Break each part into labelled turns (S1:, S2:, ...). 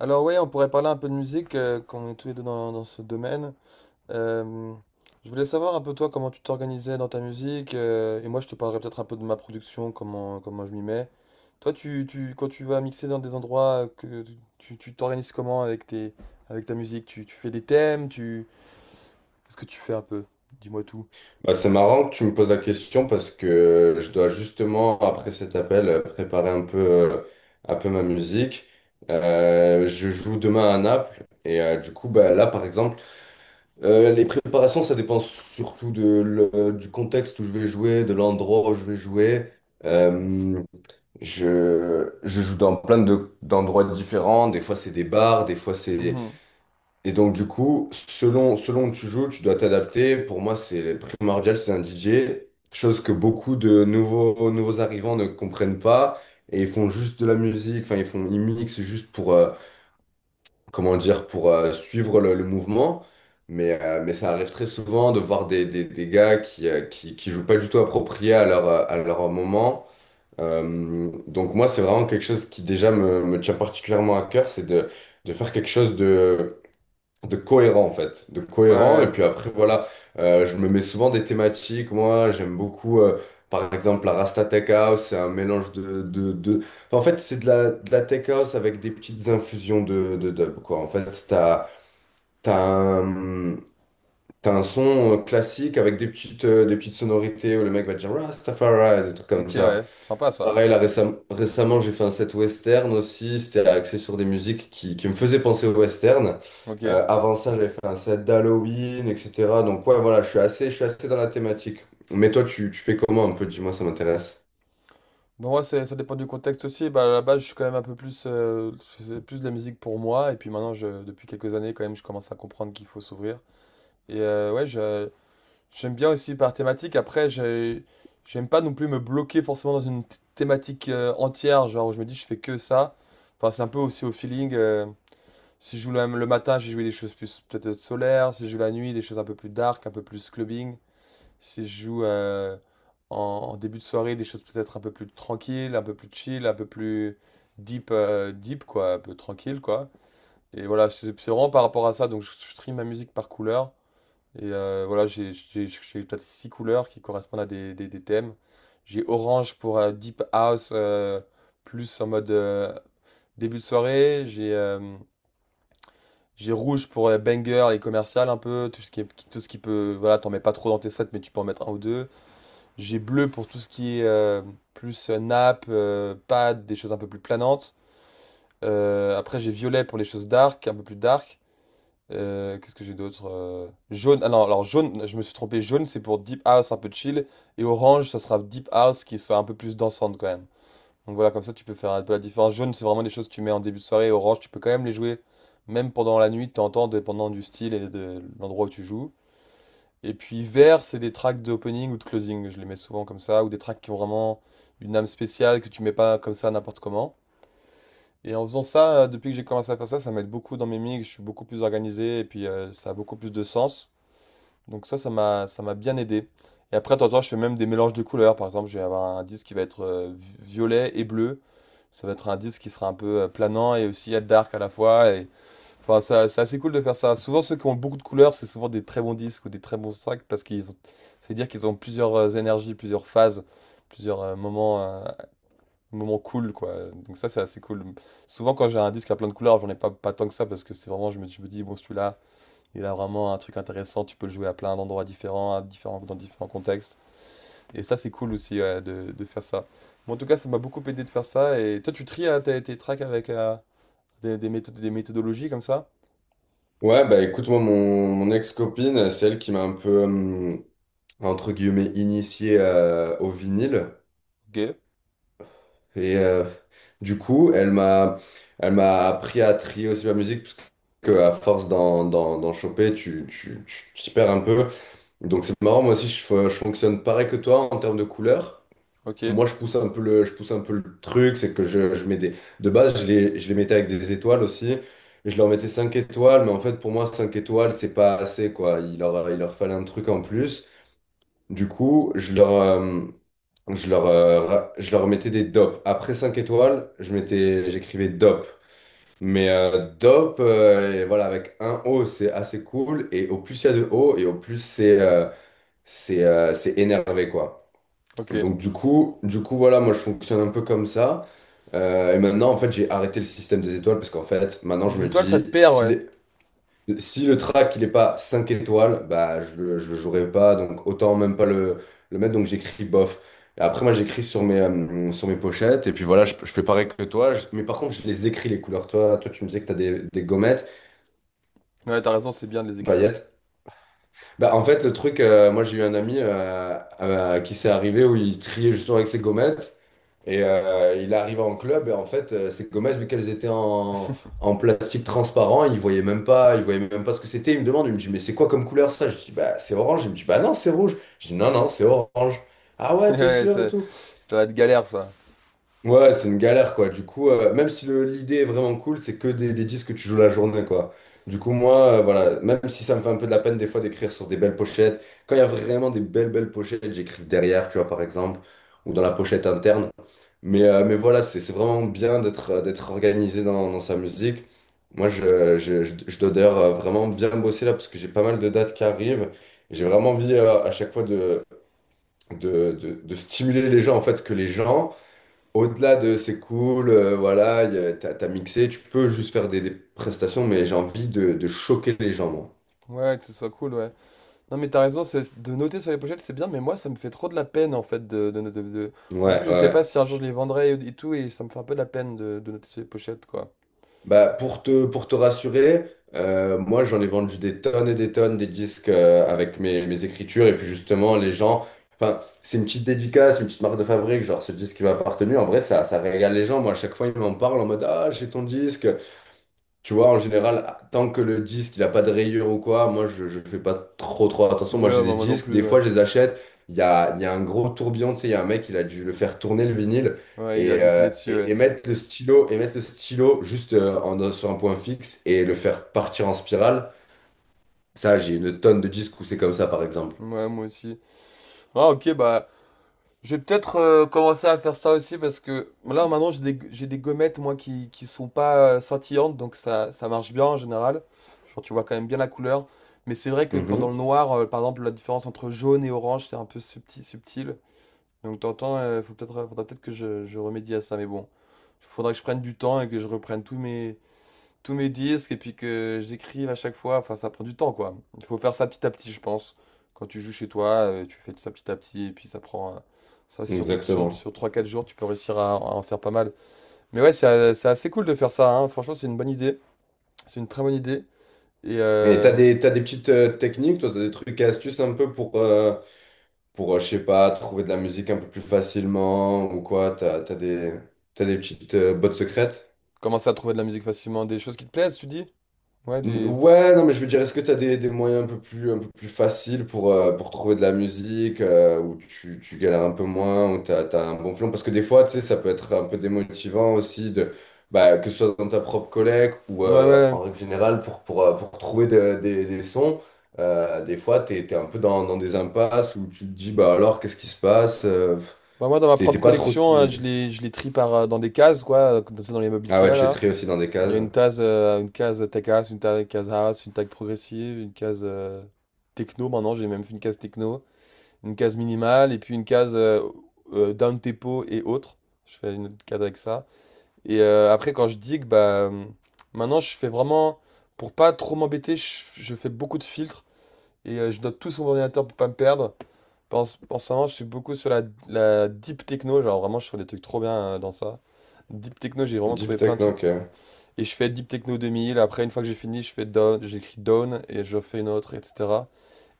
S1: Alors oui, on pourrait parler un peu de musique, quand est tous les deux dans ce domaine. Euh, je voulais savoir un peu toi comment tu t'organisais dans ta musique, et moi je te parlerai peut-être un peu de ma production, comment je m'y mets. Toi, quand tu vas mixer dans des endroits, que tu t'organises comment avec tes, avec ta musique? Tu fais des thèmes, qu'est-ce que tu fais un peu? Dis-moi tout.
S2: Bah, c'est marrant que tu me poses la question parce que je dois justement, après cet appel, préparer un peu ma musique. Je joue demain à Naples et du coup, bah, là, par exemple, les préparations, ça dépend surtout de, du contexte où je vais jouer, de l'endroit où je vais jouer. Euh, je joue dans plein d'endroits différents. Des fois, c'est des bars, des fois, c'est
S1: Mhm.
S2: et donc, du coup, selon où tu joues, tu dois t'adapter. Pour moi, c'est primordial, c'est un DJ. Chose que beaucoup de nouveaux arrivants ne comprennent pas. Et ils font juste de la musique, enfin, ils mixent juste pour, comment dire, pour suivre le mouvement. Mais ça arrive très souvent de voir des gars qui, qui jouent pas du tout approprié à leur, à leur moment. Donc, moi, c'est vraiment quelque chose qui déjà me tient particulièrement à cœur, c'est de faire quelque chose de cohérent en fait, de cohérent. Et
S1: Ouais,
S2: puis après, voilà, je me mets souvent des thématiques. Moi, j'aime beaucoup, par exemple, la Rasta Tech House, c'est un mélange de... Enfin, en fait, c'est de la Tech House avec des petites infusions de dub, quoi. En fait, t'as un, t'as un son classique avec des petites sonorités où le mec va dire Rastafari, des trucs
S1: ouais, ok,
S2: comme ça.
S1: ouais, sympa ça.
S2: Pareil, là, récemment, j'ai fait un set western aussi. C'était axé sur des musiques qui me faisaient penser au western.
S1: Ok.
S2: Avant ça, j'avais fait un set d'Halloween, etc. Donc, ouais, voilà, je suis assez dans la thématique. Mais toi, tu fais comment un peu? Dis-moi, ça m'intéresse.
S1: Bon, moi, ça dépend du contexte aussi. Bah, à la base, je suis quand même un peu plus. Je faisais plus de la musique pour moi. Et puis maintenant, je, depuis quelques années, quand même, je commence à comprendre qu'il faut s'ouvrir. Et ouais, j'aime bien aussi par thématique. Après, j'aime pas non plus me bloquer forcément dans une thématique entière. Genre, où je me dis, je fais que ça. Enfin, c'est un peu aussi au feeling. Si je joue le matin, j'ai joué des choses plus peut-être solaires. Si je joue la nuit, des choses un peu plus dark, un peu plus clubbing. Si je joue en début de soirée, des choses peut-être un peu plus tranquilles, un peu plus chill, un peu plus deep quoi, un peu tranquille, quoi. Et voilà, c'est vraiment par rapport à ça. Donc, je trie ma musique par couleur. Et voilà, j'ai peut-être six couleurs qui correspondent à des thèmes. J'ai orange pour deep house, plus en mode début de soirée. J'ai rouge pour banger et commercial un peu, tout ce qui est, tout ce qui peut, voilà, t'en mets pas trop dans tes sets, mais tu peux en mettre un ou deux. J'ai bleu pour tout ce qui est plus nappe, pad, des choses un peu plus planantes. Après, j'ai violet pour les choses dark, un peu plus dark. Qu'est-ce que j'ai d'autre? Jaune, ah non, alors jaune, je me suis trompé, jaune c'est pour deep house un peu chill. Et orange, ça sera deep house qui soit un peu plus dansante quand même. Donc voilà, comme ça tu peux faire un peu la différence. Jaune, c'est vraiment des choses que tu mets en début de soirée. Orange, tu peux quand même les jouer, même pendant la nuit, de temps en temps, dépendant du style et de l'endroit où tu joues. Et puis vert, c'est des tracks d'opening ou de closing. Je les mets souvent comme ça, ou des tracks qui ont vraiment une âme spéciale que tu mets pas comme ça n'importe comment. Et en faisant ça, depuis que j'ai commencé à faire ça, ça m'aide beaucoup dans mes mix. Je suis beaucoup plus organisé et puis ça a beaucoup plus de sens. Donc ça, ça m'a bien aidé. Et après, de temps en temps, je fais même des mélanges de couleurs. Par exemple, je vais avoir un disque qui va être violet et bleu. Ça va être un disque qui sera un peu planant et aussi être dark à la fois. Et enfin, c'est assez cool de faire ça. Souvent, ceux qui ont beaucoup de couleurs, c'est souvent des très bons disques ou des très bons tracks parce qu'ils ont... C'est dire qu'ils ont plusieurs énergies, plusieurs phases, plusieurs moments cool, quoi. Donc ça, c'est assez cool. Souvent, quand j'ai un disque à plein de couleurs, j'en ai pas tant que ça parce que c'est vraiment, je me dis, bon, celui-là, il a vraiment un truc intéressant. Tu peux le jouer à plein d'endroits différents, dans différents contextes. Et ça, c'est cool aussi ouais, de faire ça. Bon, en tout cas, ça m'a beaucoup aidé de faire ça. Et toi, tu tries tes tracks avec des méthodes, des méthodologies comme ça?
S2: Ouais, bah écoute, moi, mon ex-copine, c'est elle qui m'a un peu, entre guillemets, initié au vinyle.
S1: Ok,
S2: Et du coup, elle m'a appris à trier aussi ma musique, parce que à force d'en choper, tu t'y perds un peu. Donc c'est marrant, moi aussi, je fonctionne pareil que toi en termes de couleurs.
S1: ok.
S2: Moi, je pousse un peu le truc, c'est que je mets des... De base, je les mettais avec des étoiles aussi. Je leur mettais 5 étoiles, mais en fait, pour moi, 5 étoiles, c'est pas assez, quoi. Il leur fallait un truc en plus. Du coup, je leur mettais des dopes. Après 5 étoiles, je mettais, j'écrivais dope. Mais dope, et voilà, avec un O, c'est assez cool. Et au plus il y a de O, et au plus c'est c'est énervé, quoi.
S1: Ok.
S2: Du coup, voilà, moi je fonctionne un peu comme ça. Et maintenant, en fait, j'ai arrêté le système des étoiles parce qu'en fait, maintenant je
S1: Les
S2: me
S1: étoiles, ça te
S2: dis,
S1: perd, ouais.
S2: si le track il est pas 5 étoiles, bah je le jouerai pas, donc autant même pas le mettre, donc j'écris bof. Et après moi j'écris sur mes pochettes, et puis voilà, je fais pareil que toi, mais par contre je les écris les couleurs. Toi tu me disais que t'as des gommettes,
S1: Ouais, t'as raison, c'est bien de les écrire.
S2: paillettes. Bah en fait le truc, moi j'ai eu un ami à qui s'est arrivé où il triait justement avec ses gommettes, et il arrive en club et en fait, ces gommettes, vu qu'elles étaient en plastique transparent, il voyait même pas ce que c'était. Il me demande, il me dit, mais c'est quoi comme couleur ça? Je dis, bah c'est orange. Il me dit, bah non, c'est rouge. Je dis, non, c'est orange. Ah ouais, t'es
S1: Ouais,
S2: sûr et tout.
S1: ça va être galère, ça.
S2: Ouais, c'est une galère quoi. Du coup, même si l'idée est vraiment cool, c'est que des disques que tu joues la journée quoi. Du coup, moi, voilà, même si ça me fait un peu de la peine des fois d'écrire sur des belles pochettes, quand il y a vraiment des belles, belles pochettes, j'écris derrière, tu vois, par exemple, ou dans la pochette interne. Mais voilà, c'est vraiment bien d'être d'être organisé dans sa musique. Moi, je dois d'ailleurs vraiment bien bosser là parce que j'ai pas mal de dates qui arrivent. J'ai vraiment envie à chaque fois de stimuler les gens, en fait, que les gens, au-delà de c'est cool, voilà, t'as mixé, tu peux juste faire des prestations, mais j'ai envie de choquer les gens, moi.
S1: Ouais, que ce soit cool, ouais. Non, mais t'as raison, c'est de noter sur les pochettes, c'est bien, mais moi, ça me fait trop de la peine, en fait, En plus, je sais pas
S2: Ouais.
S1: si un jour je les vendrai et tout, et ça me fait un peu de la peine de noter sur les pochettes, quoi.
S2: Bah, pour te rassurer, moi j'en ai vendu des tonnes et des tonnes des disques avec mes, mes écritures et puis justement les gens, enfin c'est une petite dédicace, une petite marque de fabrique, genre ce disque qui m'a appartenu, en vrai ça, ça régale les gens, moi à chaque fois ils m'en parlent en mode ah j'ai ton disque, tu vois, en général, tant que le disque il a pas de rayures ou quoi, moi je fais pas trop trop attention.
S1: Ouais,
S2: Moi j'ai
S1: bah,
S2: des
S1: moi non
S2: disques,
S1: plus,
S2: des
S1: ouais.
S2: fois je les achète. Il y a un gros tourbillon, tu sais, il y a un mec, il a dû le faire tourner le vinyle
S1: Ouais, il a
S2: et,
S1: dessiné dessus, ouais.
S2: et mettre le stylo, et mettre le stylo juste sur un point fixe et le faire partir en spirale. Ça, j'ai une tonne de disques où c'est comme ça, par exemple.
S1: Ouais, moi aussi. Ah, ok, bah, je vais peut-être commencer à faire ça aussi parce que là maintenant j'ai des gommettes moi qui sont pas scintillantes donc ça marche bien en général. Genre tu vois quand même bien la couleur. Mais c'est vrai que quand dans le
S2: Mhm,
S1: noir, par exemple, la différence entre jaune et orange c'est un peu subtil, subtil. Donc t'entends, faudra peut-être que je remédie à ça. Mais bon, il faudra que je prenne du temps et que je reprenne tous mes disques et puis que j'écrive à chaque fois. Enfin, ça prend du temps, quoi. Il faut faire ça petit à petit, je pense. Quand tu joues chez toi, tu fais ça petit à petit et puis ça prend. Ça, sur, sur,
S2: exactement.
S1: sur trois quatre jours, tu peux réussir à en faire pas mal. Mais ouais, c'est assez cool de faire ça. Hein. Franchement, c'est une bonne idée. C'est une très bonne idée. Et
S2: Et t'as des petites techniques, toi, t'as des trucs et astuces un peu pour, je sais pas, trouver de la musique un peu plus facilement ou quoi? T'as des petites bottes secrètes?
S1: commencer à trouver de la musique facilement. Des choses qui te plaisent, tu dis? Ouais, des.
S2: Ouais, non, mais je veux dire, est-ce que t'as des moyens un peu plus faciles pour trouver de la musique où tu galères un peu moins, où t'as un bon flon? Parce que des fois, tu sais, ça peut être un peu démotivant aussi de. Bah, que ce soit dans ta propre collègue ou
S1: Ouais, ouais.
S2: en règle générale pour, pour trouver des sons. Des fois, tu es, un peu dans des impasses où tu te dis, bah alors, qu'est-ce qui se passe?
S1: Bah, moi, dans ma
S2: T'es t'es
S1: propre
S2: pas trop
S1: collection, hein, je
S2: stylé.
S1: les, je les trie dans des cases, quoi. Dans les meubles
S2: Ah
S1: Ikea,
S2: ouais, tu es
S1: là.
S2: très aussi dans des
S1: Il y a
S2: cases.
S1: une case tech house, une case house, une tech progressive, une case techno. Maintenant, j'ai même fait une case techno, une case minimale et puis une case down tempo et autres. Je fais une autre case avec ça. Et après, quand je digue, bah maintenant, je fais vraiment pour pas trop m'embêter. Je fais beaucoup de filtres et je note tout sur mon ordinateur pour pas me perdre. En ce moment, je suis beaucoup sur la deep techno. Genre vraiment, je fais des trucs trop bien dans ça. Deep techno, j'ai vraiment
S2: Deep
S1: trouvé plein
S2: tech,
S1: de trucs.
S2: donc.
S1: Et je fais Deep Techno 2000. Après, une fois que j'ai fini, je fais Down, j'écris Down et je fais une autre, etc.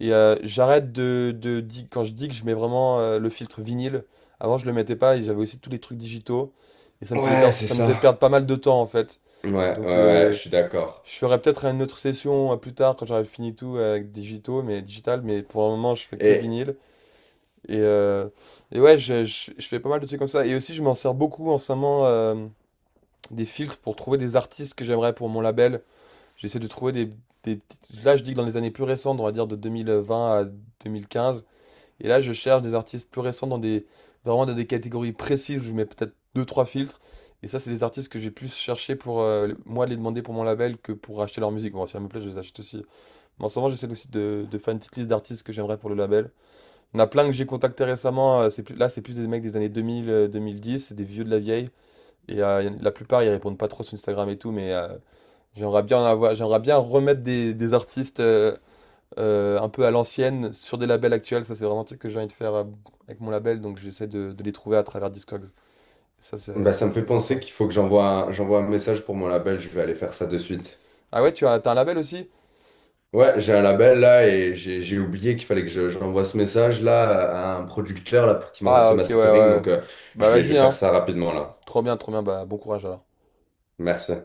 S1: Et j'arrête. Quand je dis que je mets vraiment le filtre vinyle, avant je le mettais pas et j'avais aussi tous les trucs digitaux. Et ça me faisait
S2: Ouais,
S1: perdre,
S2: c'est
S1: ça me faisait perdre
S2: ça.
S1: pas mal de temps en fait. Donc
S2: Ouais, je suis d'accord.
S1: je ferai peut-être une autre session plus tard quand j'aurai fini tout avec digitaux, mais digital. Mais pour le moment, je fais que
S2: Et
S1: vinyle. Et, euh, et ouais, je fais pas mal de trucs comme ça. Et aussi, je m'en sers beaucoup en ce moment des filtres pour trouver des artistes que j'aimerais pour mon label. J'essaie de trouver Là, je dis que dans les années plus récentes, on va dire de 2020 à 2015. Et là, je cherche des artistes plus récents dans des... Vraiment dans des catégories précises. Je mets peut-être deux, trois filtres. Et ça, c'est des artistes que j'ai plus cherché pour moi les demander pour mon label que pour acheter leur musique. Bon, si elle me plaît, je les achète aussi. Mais en ce moment, j'essaie aussi de faire une petite liste d'artistes que j'aimerais pour le label. Il y en a plein que j'ai contacté récemment. C'est plus... Là, c'est plus des mecs des années 2000, 2010. C'est des vieux de la vieille. Et la plupart, ils répondent pas trop sur Instagram et tout. Mais j'aimerais bien en avoir, j'aimerais bien remettre des artistes un peu à l'ancienne sur des labels actuels. Ça, c'est vraiment un truc que j'ai envie de faire avec mon label, donc j'essaie de les trouver à travers Discogs. Ça, c'est
S2: bah, ça
S1: c'est
S2: me fait
S1: assez
S2: penser
S1: sympa.
S2: qu'il faut que j'envoie un message pour mon label. Je vais aller faire ça de suite.
S1: Ah ouais, t'as un label aussi?
S2: Ouais, j'ai un label là et j'ai oublié qu'il fallait j'envoie ce message là à un producteur là pour qu'il m'envoie
S1: Ah,
S2: ses
S1: ok, ouais, ouais.
S2: mastering.
S1: Ouais.
S2: Donc
S1: Bah
S2: je vais
S1: vas-y,
S2: faire
S1: hein.
S2: ça rapidement là.
S1: Trop bien, trop bien. Bah bon courage alors.
S2: Merci.